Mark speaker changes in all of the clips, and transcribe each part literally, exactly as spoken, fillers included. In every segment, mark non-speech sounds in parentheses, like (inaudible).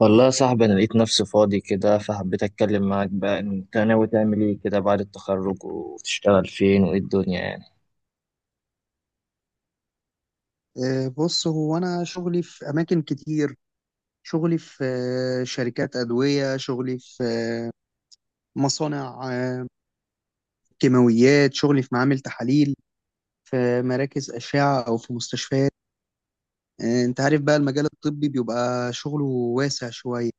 Speaker 1: والله يا صاحبي، أنا لقيت نفسي فاضي كده فحبيت أتكلم معاك. بقى أنت ناوي تعمل إيه كده بعد التخرج وتشتغل فين وإيه الدنيا يعني؟
Speaker 2: آه، بص، هو أنا شغلي في أماكن كتير. شغلي في آه، شركات أدوية. شغلي في آه، مصانع آه، كيماويات. شغلي في معامل تحاليل، في مراكز أشعة أو في مستشفيات. آه، أنت عارف بقى المجال الطبي بيبقى شغله واسع شوية.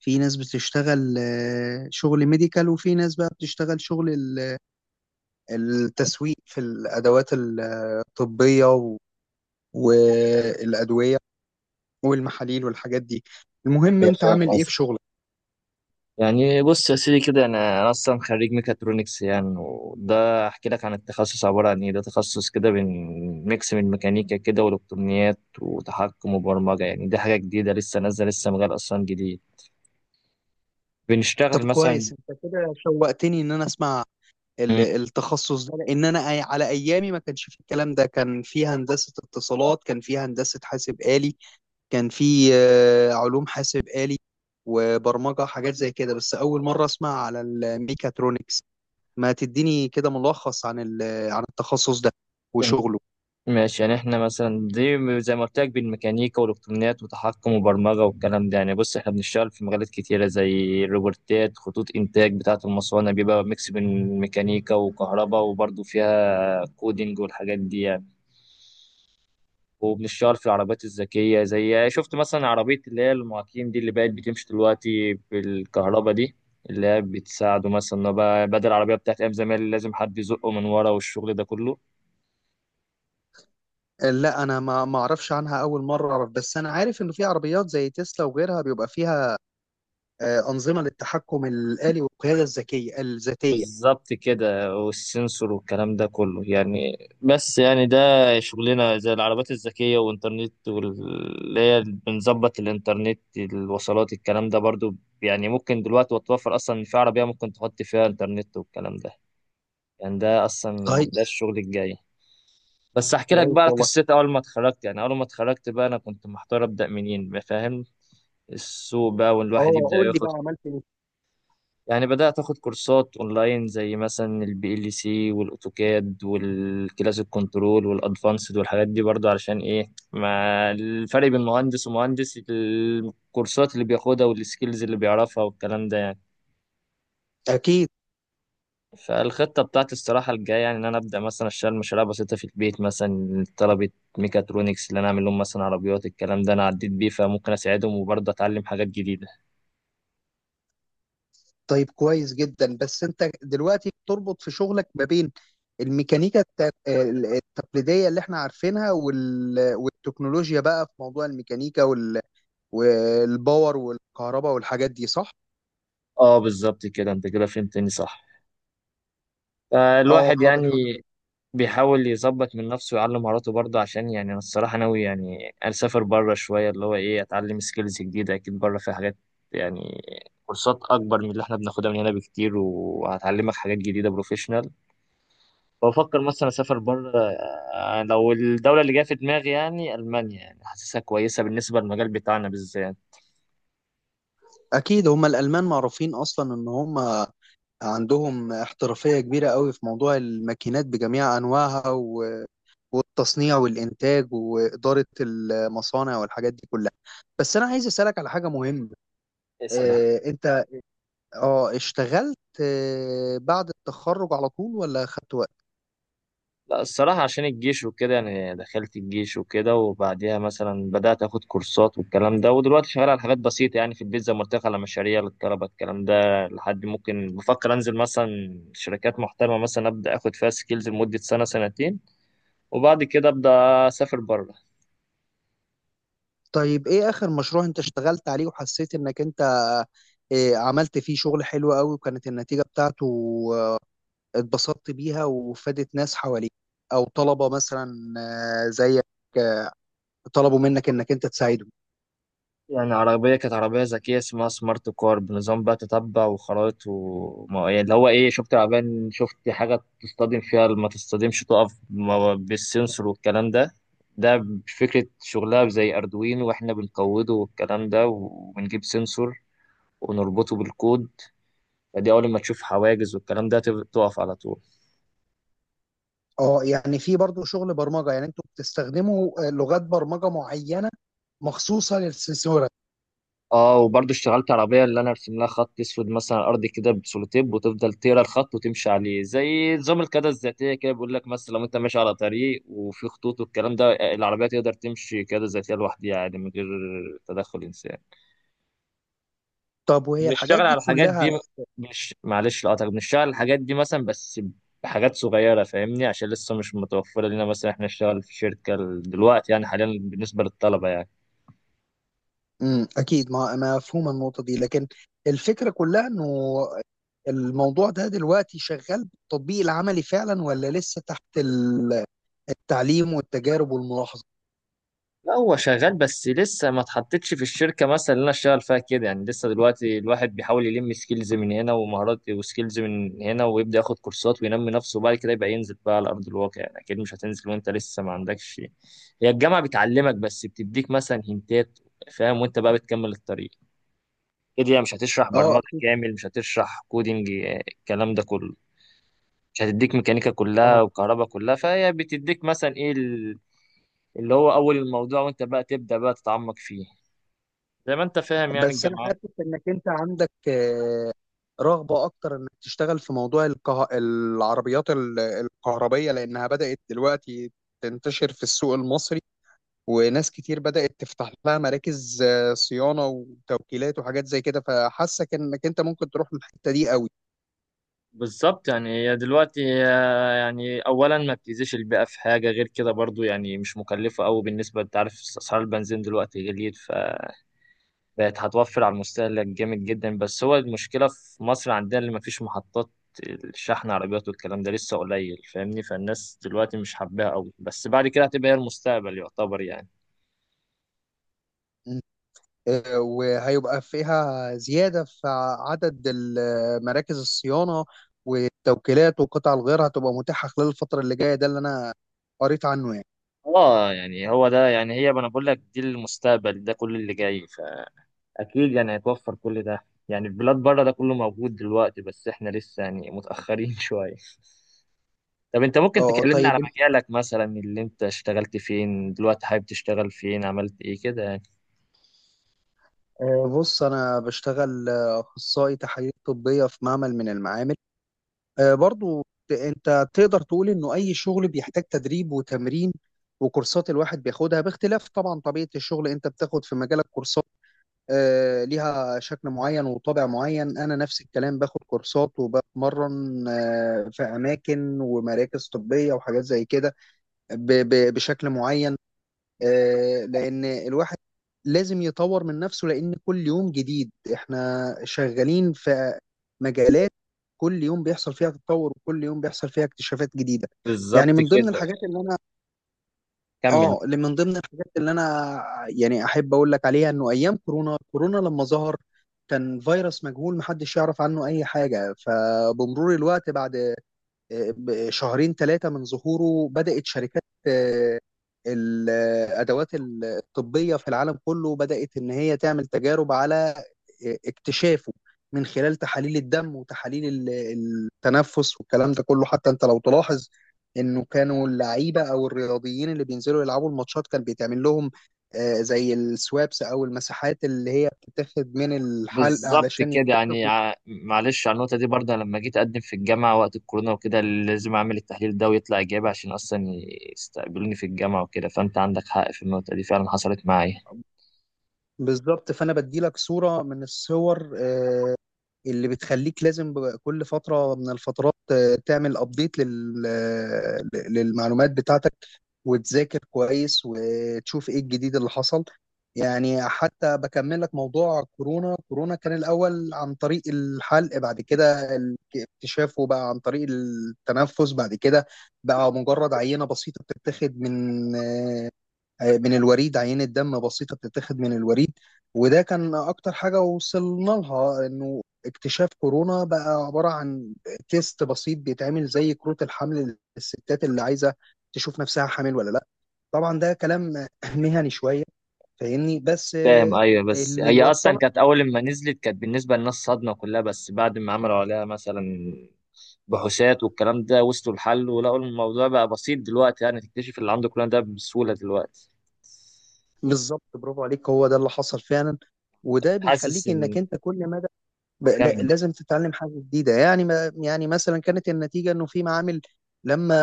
Speaker 2: في ناس بتشتغل آه، شغل ميديكال، وفي ناس بقى بتشتغل شغل ال- التسويق في الأدوات الطبية و- والأدوية والمحاليل والحاجات دي. المهم
Speaker 1: أيوة
Speaker 2: أنت
Speaker 1: فاهم
Speaker 2: عامل إيه في
Speaker 1: قصدي.
Speaker 2: شغلك؟
Speaker 1: يعني بص يا سيدي كده، أنا أنا أصلا خريج ميكاترونكس يعني، وده أحكي لك عن التخصص عبارة عن إيه. ده تخصص كده بين ميكس من ميكانيكا كده وإلكترونيات وتحكم وبرمجة. يعني دي حاجة جديدة لسه نازلة، لسه مجال أصلا جديد. بنشتغل
Speaker 2: طب
Speaker 1: مثلا
Speaker 2: كويس، انت كده شوقتني ان انا اسمع ال- التخصص ده، لان انا أي- على ايامي ما كانش في الكلام ده. كان في هندسة اتصالات، كان في هندسة حاسب آلي، كان في آه، علوم حاسب آلي وبرمجة، حاجات زي كده. بس اول مرة اسمع على الميكاترونكس. ما تديني كده ملخص عن ال- عن التخصص ده وشغله.
Speaker 1: ماشي. يعني احنا مثلا دي م- زي ما قلت لك بالميكانيكا والالكترونيات وتحكم وبرمجه والكلام ده. يعني بص، احنا بنشتغل في مجالات كتيره زي الروبوتات، خطوط انتاج بتاعه المصانع، بيبقى ميكس بين ميكانيكا وكهرباء وبرضه فيها كودينج والحاجات دي يعني. وبنشتغل في العربيات الذكيه، زي شفت مثلا عربيه اللي هي المعاكين دي اللي بقت بتمشي دلوقتي بالكهرباء دي، اللي هي بتساعده مثلا إن هو بقى بدل العربيه بتاعت ايام زمان اللي لازم حد يزقه من ورا والشغل ده كله.
Speaker 2: آه، لا انا ما ما اعرفش عنها، اول مرة اعرف. بس انا عارف انه في عربيات زي تسلا وغيرها بيبقى فيها آه، انظمة للتحكم الآلي والقيادة الذكية الذاتية.
Speaker 1: بالظبط كده، والسنسور والكلام ده كله يعني. بس يعني ده شغلنا، زي العربات الذكية والإنترنت، واللي هي بنظبط الإنترنت الوصلات الكلام ده برضو. يعني ممكن دلوقتي وتوفر أصلا إن في عربية ممكن تحط فيها إنترنت والكلام ده. يعني ده أصلا
Speaker 2: طيب،
Speaker 1: ده الشغل الجاي. بس أحكي لك بقى
Speaker 2: كويس
Speaker 1: على
Speaker 2: والله.
Speaker 1: قصتي. أول ما اتخرجت، يعني أول ما اتخرجت بقى، أنا كنت محتار أبدأ منين فاهم. السوق بقى والواحد
Speaker 2: اه،
Speaker 1: يبدأ
Speaker 2: قول لي
Speaker 1: ياخد.
Speaker 2: بقى، عملت ايه؟
Speaker 1: يعني بدأت أخد كورسات أونلاين زي مثلا البي ال سي والأوتوكاد والكلاسيك كنترول والأدفانسد والحاجات دي، برضو علشان إيه، ما الفرق بين مهندس ومهندس الكورسات اللي بياخدها والسكيلز اللي بيعرفها والكلام ده يعني.
Speaker 2: اكيد.
Speaker 1: فالخطة بتاعتي الصراحة الجاية يعني إن أنا أبدأ مثلا أشتغل مشاريع بسيطة في البيت، مثلا طلبة ميكاترونكس اللي أنا أعمل لهم مثلا عربيات الكلام ده أنا عديت بيه فممكن أساعدهم وبرضه أتعلم حاجات جديدة.
Speaker 2: طيب كويس جدا. بس انت دلوقتي بتربط في شغلك ما بين الميكانيكا الت- ال- التقليديه اللي احنا عارفينها، وال... والتكنولوجيا، بقى في موضوع الميكانيكا وال... والباور والكهرباء والحاجات دي، صح؟
Speaker 1: أه بالظبط كده، أنت كده فهمتني صح.
Speaker 2: اه،
Speaker 1: فالواحد
Speaker 2: طب
Speaker 1: يعني
Speaker 2: الحمد لله.
Speaker 1: بيحاول يظبط من نفسه ويعلم مهاراته برضه. عشان يعني انا الصراحه ناوي يعني اسافر بره شويه، اللي هو ايه، اتعلم سكيلز جديده. اكيد بره في حاجات يعني، كورسات اكبر من اللي احنا بناخدها من هنا بكتير، وهتعلمك حاجات جديده بروفيشنال. بفكر مثلا اسافر بره. آه، لو الدوله اللي جايه في دماغي يعني المانيا، يعني حاسسها كويسه بالنسبه للمجال بتاعنا بالذات.
Speaker 2: اكيد، هم الالمان معروفين اصلا ان هم عندهم احترافية كبيرة قوي في موضوع الماكينات بجميع أنواعها و- والتصنيع والإنتاج وإدارة المصانع والحاجات دي كلها. بس أنا عايز أسألك على حاجة مهمة.
Speaker 1: اسال.
Speaker 2: آه، أنت أه اشتغلت آه، بعد التخرج على طول ولا خدت وقت؟
Speaker 1: لا الصراحة عشان الجيش وكده، يعني دخلت الجيش وكده وبعديها مثلا بدأت أخد كورسات والكلام ده، ودلوقتي شغال على حاجات بسيطة يعني في البيت زي ما قلت لك على مشاريع للطلبة الكلام ده، لحد ممكن بفكر أنزل مثلا شركات محترمة، مثلا أبدأ أخد فيها سكيلز لمدة سنة سنتين، وبعد كده أبدأ أسافر بره.
Speaker 2: طيب إيه آخر مشروع أنت اشتغلت عليه وحسيت إنك أنت آه، عملت فيه شغل حلو قوي، وكانت النتيجة بتاعته آه، اتبسطت بيها وفادت ناس حواليك، أو طلبة مثلا آه، زيك طلبوا منك انك انت تساعدهم.
Speaker 1: يعني عربية كانت عربية ذكية اسمها سمارت كار بنظام بقى تتبع وخرائط و ما- يعني اللي هو ايه، شفت العربية إن شفت حاجة تصطدم فيها ما تصطدمش، تقف ما- بالسنسور والكلام ده. ده فكرة شغلها زي أردوينو واحنا بنقوده والكلام ده، وبنجيب سنسور ونربطه بالكود. فدي أول ما تشوف حواجز والكلام ده تب- تقف على طول.
Speaker 2: اه يعني في برضو شغل برمجه؟ يعني انتوا بتستخدموا آه، لغات برمجه معينه مخصوصه للسنسوره؟
Speaker 1: اه وبرضه اشتغلت عربية اللي انا ارسم لها خط اسود مثلا على الارض كده بسولوتيب، وتفضل تقرا الخط وتمشي عليه. زي نظام القيادة الذاتية كده، بيقول لك مثلا لو انت ماشي على طريق وفي خطوط والكلام ده، العربية تقدر تمشي قيادة ذاتية لوحدها يعني من غير تدخل انسان.
Speaker 2: طب وهي
Speaker 1: بنشتغل
Speaker 2: الحاجات دي
Speaker 1: على الحاجات
Speaker 2: كلها؟
Speaker 1: دي. مش معلش لقطك، بنشتغل على الحاجات دي مثلا، بس بحاجات صغيرة فاهمني عشان لسه مش متوفرة لنا مثلا احنا نشتغل في شركة دلوقتي، يعني حاليا بالنسبة للطلبة يعني.
Speaker 2: امم، اكيد ما مفهومه النقطه دي. لكن الفكره كلها انه الموضوع ده دلوقتي شغال بالتطبيق العملي فعلا، ولا لسه تحت ال- التعليم والتجارب والملاحظه؟
Speaker 1: لا هو شغال، بس لسه ما اتحطتش في الشركه مثلا اللي انا اشتغل فيها كده يعني. لسه دلوقتي الواحد بيحاول يلم سكيلز من هنا ومهارات وسكيلز من هنا، ويبدا ياخد كورسات وينمي نفسه، وبعد كده يبقى ينزل بقى على ارض الواقع. يعني اكيد مش هتنزل وانت لسه ما عندكش. هي الجامعه بتعلمك، بس بتديك مثلا هنتات فاهم، وانت بقى بتكمل الطريق كده. هي مش هتشرح
Speaker 2: اه.
Speaker 1: برمجه كامل، مش هتشرح كودينج آه، الكلام ده كله، مش هتديك ميكانيكا
Speaker 2: اه
Speaker 1: كلها وكهرباء كلها. فهي بتديك مثلا ايه ال- اللي هو اول الموضوع، وانت بقى تبدا بقى تتعمق فيه. زي ما انت فاهم يعني
Speaker 2: بس انا
Speaker 1: الجامعات.
Speaker 2: حاسس انك انت عندك آه، رغبه اكتر انك تشتغل في موضوع الكه... العربيات ال- الكهربيه، لانها بدات دلوقتي تنتشر في السوق المصري، وناس كتير بدات تفتح لها مراكز آه، صيانه وتوكيلات وحاجات زي كده. فحاسك انك انت ممكن تروح للحته دي قوي.
Speaker 1: بالظبط. يعني هي دلوقتي آه، يعني اولا ما بتأذيش البيئه في حاجه غير كده، برضو يعني مش مكلفه قوي. بالنسبه انت عارف اسعار البنزين دلوقتي غليت، فبقت هتوفر على المستهلك جامد جدا. بس هو المشكله في مصر عندنا اللي ما فيش محطات الشحن، عربيات والكلام ده لسه قليل فاهمني. فالناس دلوقتي مش حباها قوي، بس بعد كده هتبقى هي المستقبل يعتبر يعني.
Speaker 2: آه، وهيبقى فيها زياده في عدد ال- مراكز الصيانه والتوكيلات، والقطع الغيار هتبقى متاحه خلال الفتره اللي جايه. ده اللي انا قريت عنه يعني.
Speaker 1: اه يعني هو ده، يعني هي ما انا بقول لك دي المستقبل، ده كل اللي جاي اكيد يعني. هيتوفر كل ده يعني، البلاد بره ده كله موجود دلوقتي، بس احنا لسه يعني متأخرين (laughs) شوية. طب انت ممكن
Speaker 2: اه آه،
Speaker 1: تكلمنا على
Speaker 2: طيب انت-
Speaker 1: مجالك مثلا، اللي انت اشتغلت فين، دلوقتي حابب تشتغل فين، عملت ايه كده يعني؟
Speaker 2: آه، بص انا بشتغل آه، اخصائي تحاليل طبيه في معمل من المعامل. آه، برضو ت- انت تقدر تقول انه اي شغل بيحتاج تدريب وتمرين وكورسات الواحد بياخدها، باختلاف طبعا طبيعه الشغل. انت بتاخد في مجالك كورسات آه، ليها شكل معين وطابع معين، انا نفس الكلام، باخد كورسات وبتمرن آه، في اماكن ومراكز طبيه وحاجات زي كده ب- ب- بشكل معين. آه، لان الواحد لازم يطور من نفسه، لان كل يوم جديد، احنا شغالين في مجالات كل يوم بيحصل فيها تطور وكل يوم بيحصل فيها اكتشافات جديدة.
Speaker 1: بالظبط
Speaker 2: يعني من ضمن
Speaker 1: كده.
Speaker 2: الحاجات اللي انا...
Speaker 1: كمل.
Speaker 2: اه، اللي من ضمن الحاجات اللي انا يعني احب اقول لك عليها، انه ايام كورونا، كورونا لما ظهر كان فيروس مجهول محدش يعرف عنه اي حاجة. فبمرور الوقت، بعد ب- شهرين ثلاثة من ظهوره، بدأت شركات آه، الأدوات الطبية في العالم كله بدأت إن هي تعمل تجارب على آه، اكتشافه من خلال تحاليل الدم وتحاليل ال- التنفس والكلام ده كله. حتى أنت لو تلاحظ إنه كانوا اللعيبة أو الرياضيين اللي بينزلوا يلعبوا الماتشات كان بيتعمل لهم آه، زي السوابس أو المساحات اللي هي بتتاخد من الحلق
Speaker 1: بالظبط
Speaker 2: علشان
Speaker 1: كده. يعني
Speaker 2: يكتشفوا.
Speaker 1: ع- معلش على النقطة دي برضه، لما جيت أقدم في الجامعة وقت الكورونا وكده لازم أعمل التحليل ده ويطلع إيجابي عشان أصلا يستقبلوني في الجامعة وكده. فأنت عندك حق في النقطة دي فعلا، حصلت معايا.
Speaker 2: بالظبط. فانا بدي لك صوره من الصور آه، اللي بتخليك لازم ب- كل فترة من الفترات آه، تعمل ابديت للمعلومات بتاعتك وتذاكر كويس وتشوف ايه الجديد اللي حصل. يعني حتى بكمل لك موضوع كورونا، كورونا كان الأول عن طريق الحلق. بعد كده ال- اكتشافه بقى عن طريق التنفس. بعد كده بقى مجرد عينة بسيطة بتتاخد من آه، من الوريد، عينة دم بسيطة بتتاخد من الوريد. وده كان أكتر حاجة وصلنا لها، إنه اكتشاف كورونا بقى عبارة عن تيست بسيط بيتعمل زي كروت الحمل للستات اللي عايزة تشوف نفسها حامل ولا لأ. طبعا ده كلام (laughs) مهني شوية فاهمني. بس
Speaker 1: فاهم،
Speaker 2: آه،
Speaker 1: ايوه. بس
Speaker 2: اللي
Speaker 1: هي اصلا
Speaker 2: يوصلك...
Speaker 1: كانت اول ما نزلت كانت بالنسبه للناس صدمه كلها، بس بعد ما عملوا عليها مثلا بحوثات والكلام ده، وصلوا لحل ولقوا الموضوع بقى بسيط دلوقتي. يعني تكتشف اللي عنده كل ده بسهوله دلوقتي.
Speaker 2: بالظبط، برافو عليك، هو ده اللي حصل فعلا. وده
Speaker 1: حاسس
Speaker 2: بيخليك إنك
Speaker 1: ان.
Speaker 2: أنت كل ما... ب- لا-
Speaker 1: كمل.
Speaker 2: لازم تتعلم حاجة جديدة. يعني ما يعني مثلا كانت النتيجة انه في معامل لما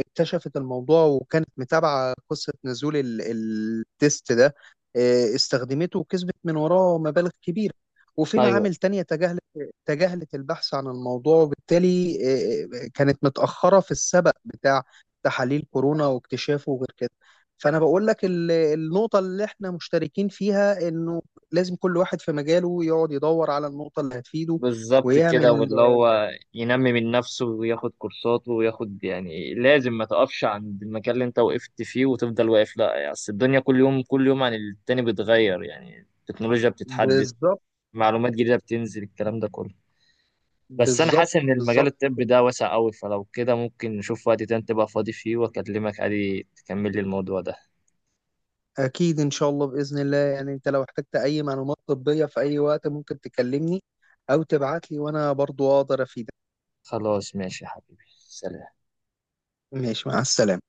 Speaker 2: اكتشفت الموضوع وكانت متابعة قصة نزول ال- التيست ده آه، استخدمته وكسبت من وراه مبالغ كبيرة، وفي
Speaker 1: ايوه
Speaker 2: معامل تانية تجاهلت تجاهلت البحث عن الموضوع، وبالتالي آه، آه، كانت متأخرة في السبق بتاع تحاليل كورونا واكتشافه وغير كده. فأنا بقول لك ال- النقطة اللي احنا مشتركين فيها، انه لازم كل واحد في مجاله يقعد يدور على النقطة اللي هتفيده
Speaker 1: بالظبط كده،
Speaker 2: ويعمل...
Speaker 1: واللي هو ينمي من نفسه وياخد كورساته وياخد. يعني لازم ما تقفش عند المكان اللي انت وقفت فيه وتفضل واقف، لا. يعني اصل الدنيا كل يوم كل يوم عن التاني بتغير. يعني التكنولوجيا بتتحدث،
Speaker 2: بالظبط.
Speaker 1: معلومات جديدة بتنزل، الكلام ده كله. بس انا
Speaker 2: بالظبط،
Speaker 1: حاسس ان المجال
Speaker 2: بالظبط كده.
Speaker 1: الطبي ده واسع قوي، فلو كده ممكن نشوف وقت تاني تبقى فاضي فيه واكلمك عادي تكمل لي الموضوع ده.
Speaker 2: أكيد إن شاء الله، بإذن الله يعني. أنت لو احتجت أي معلومات طبية في أي وقت ممكن تكلمني أو تبعت لي، وأنا برضو أقدر أفيدك.
Speaker 1: خلاص ماشي يا حبيبي، سلام.
Speaker 2: ماشي، مع السلامة.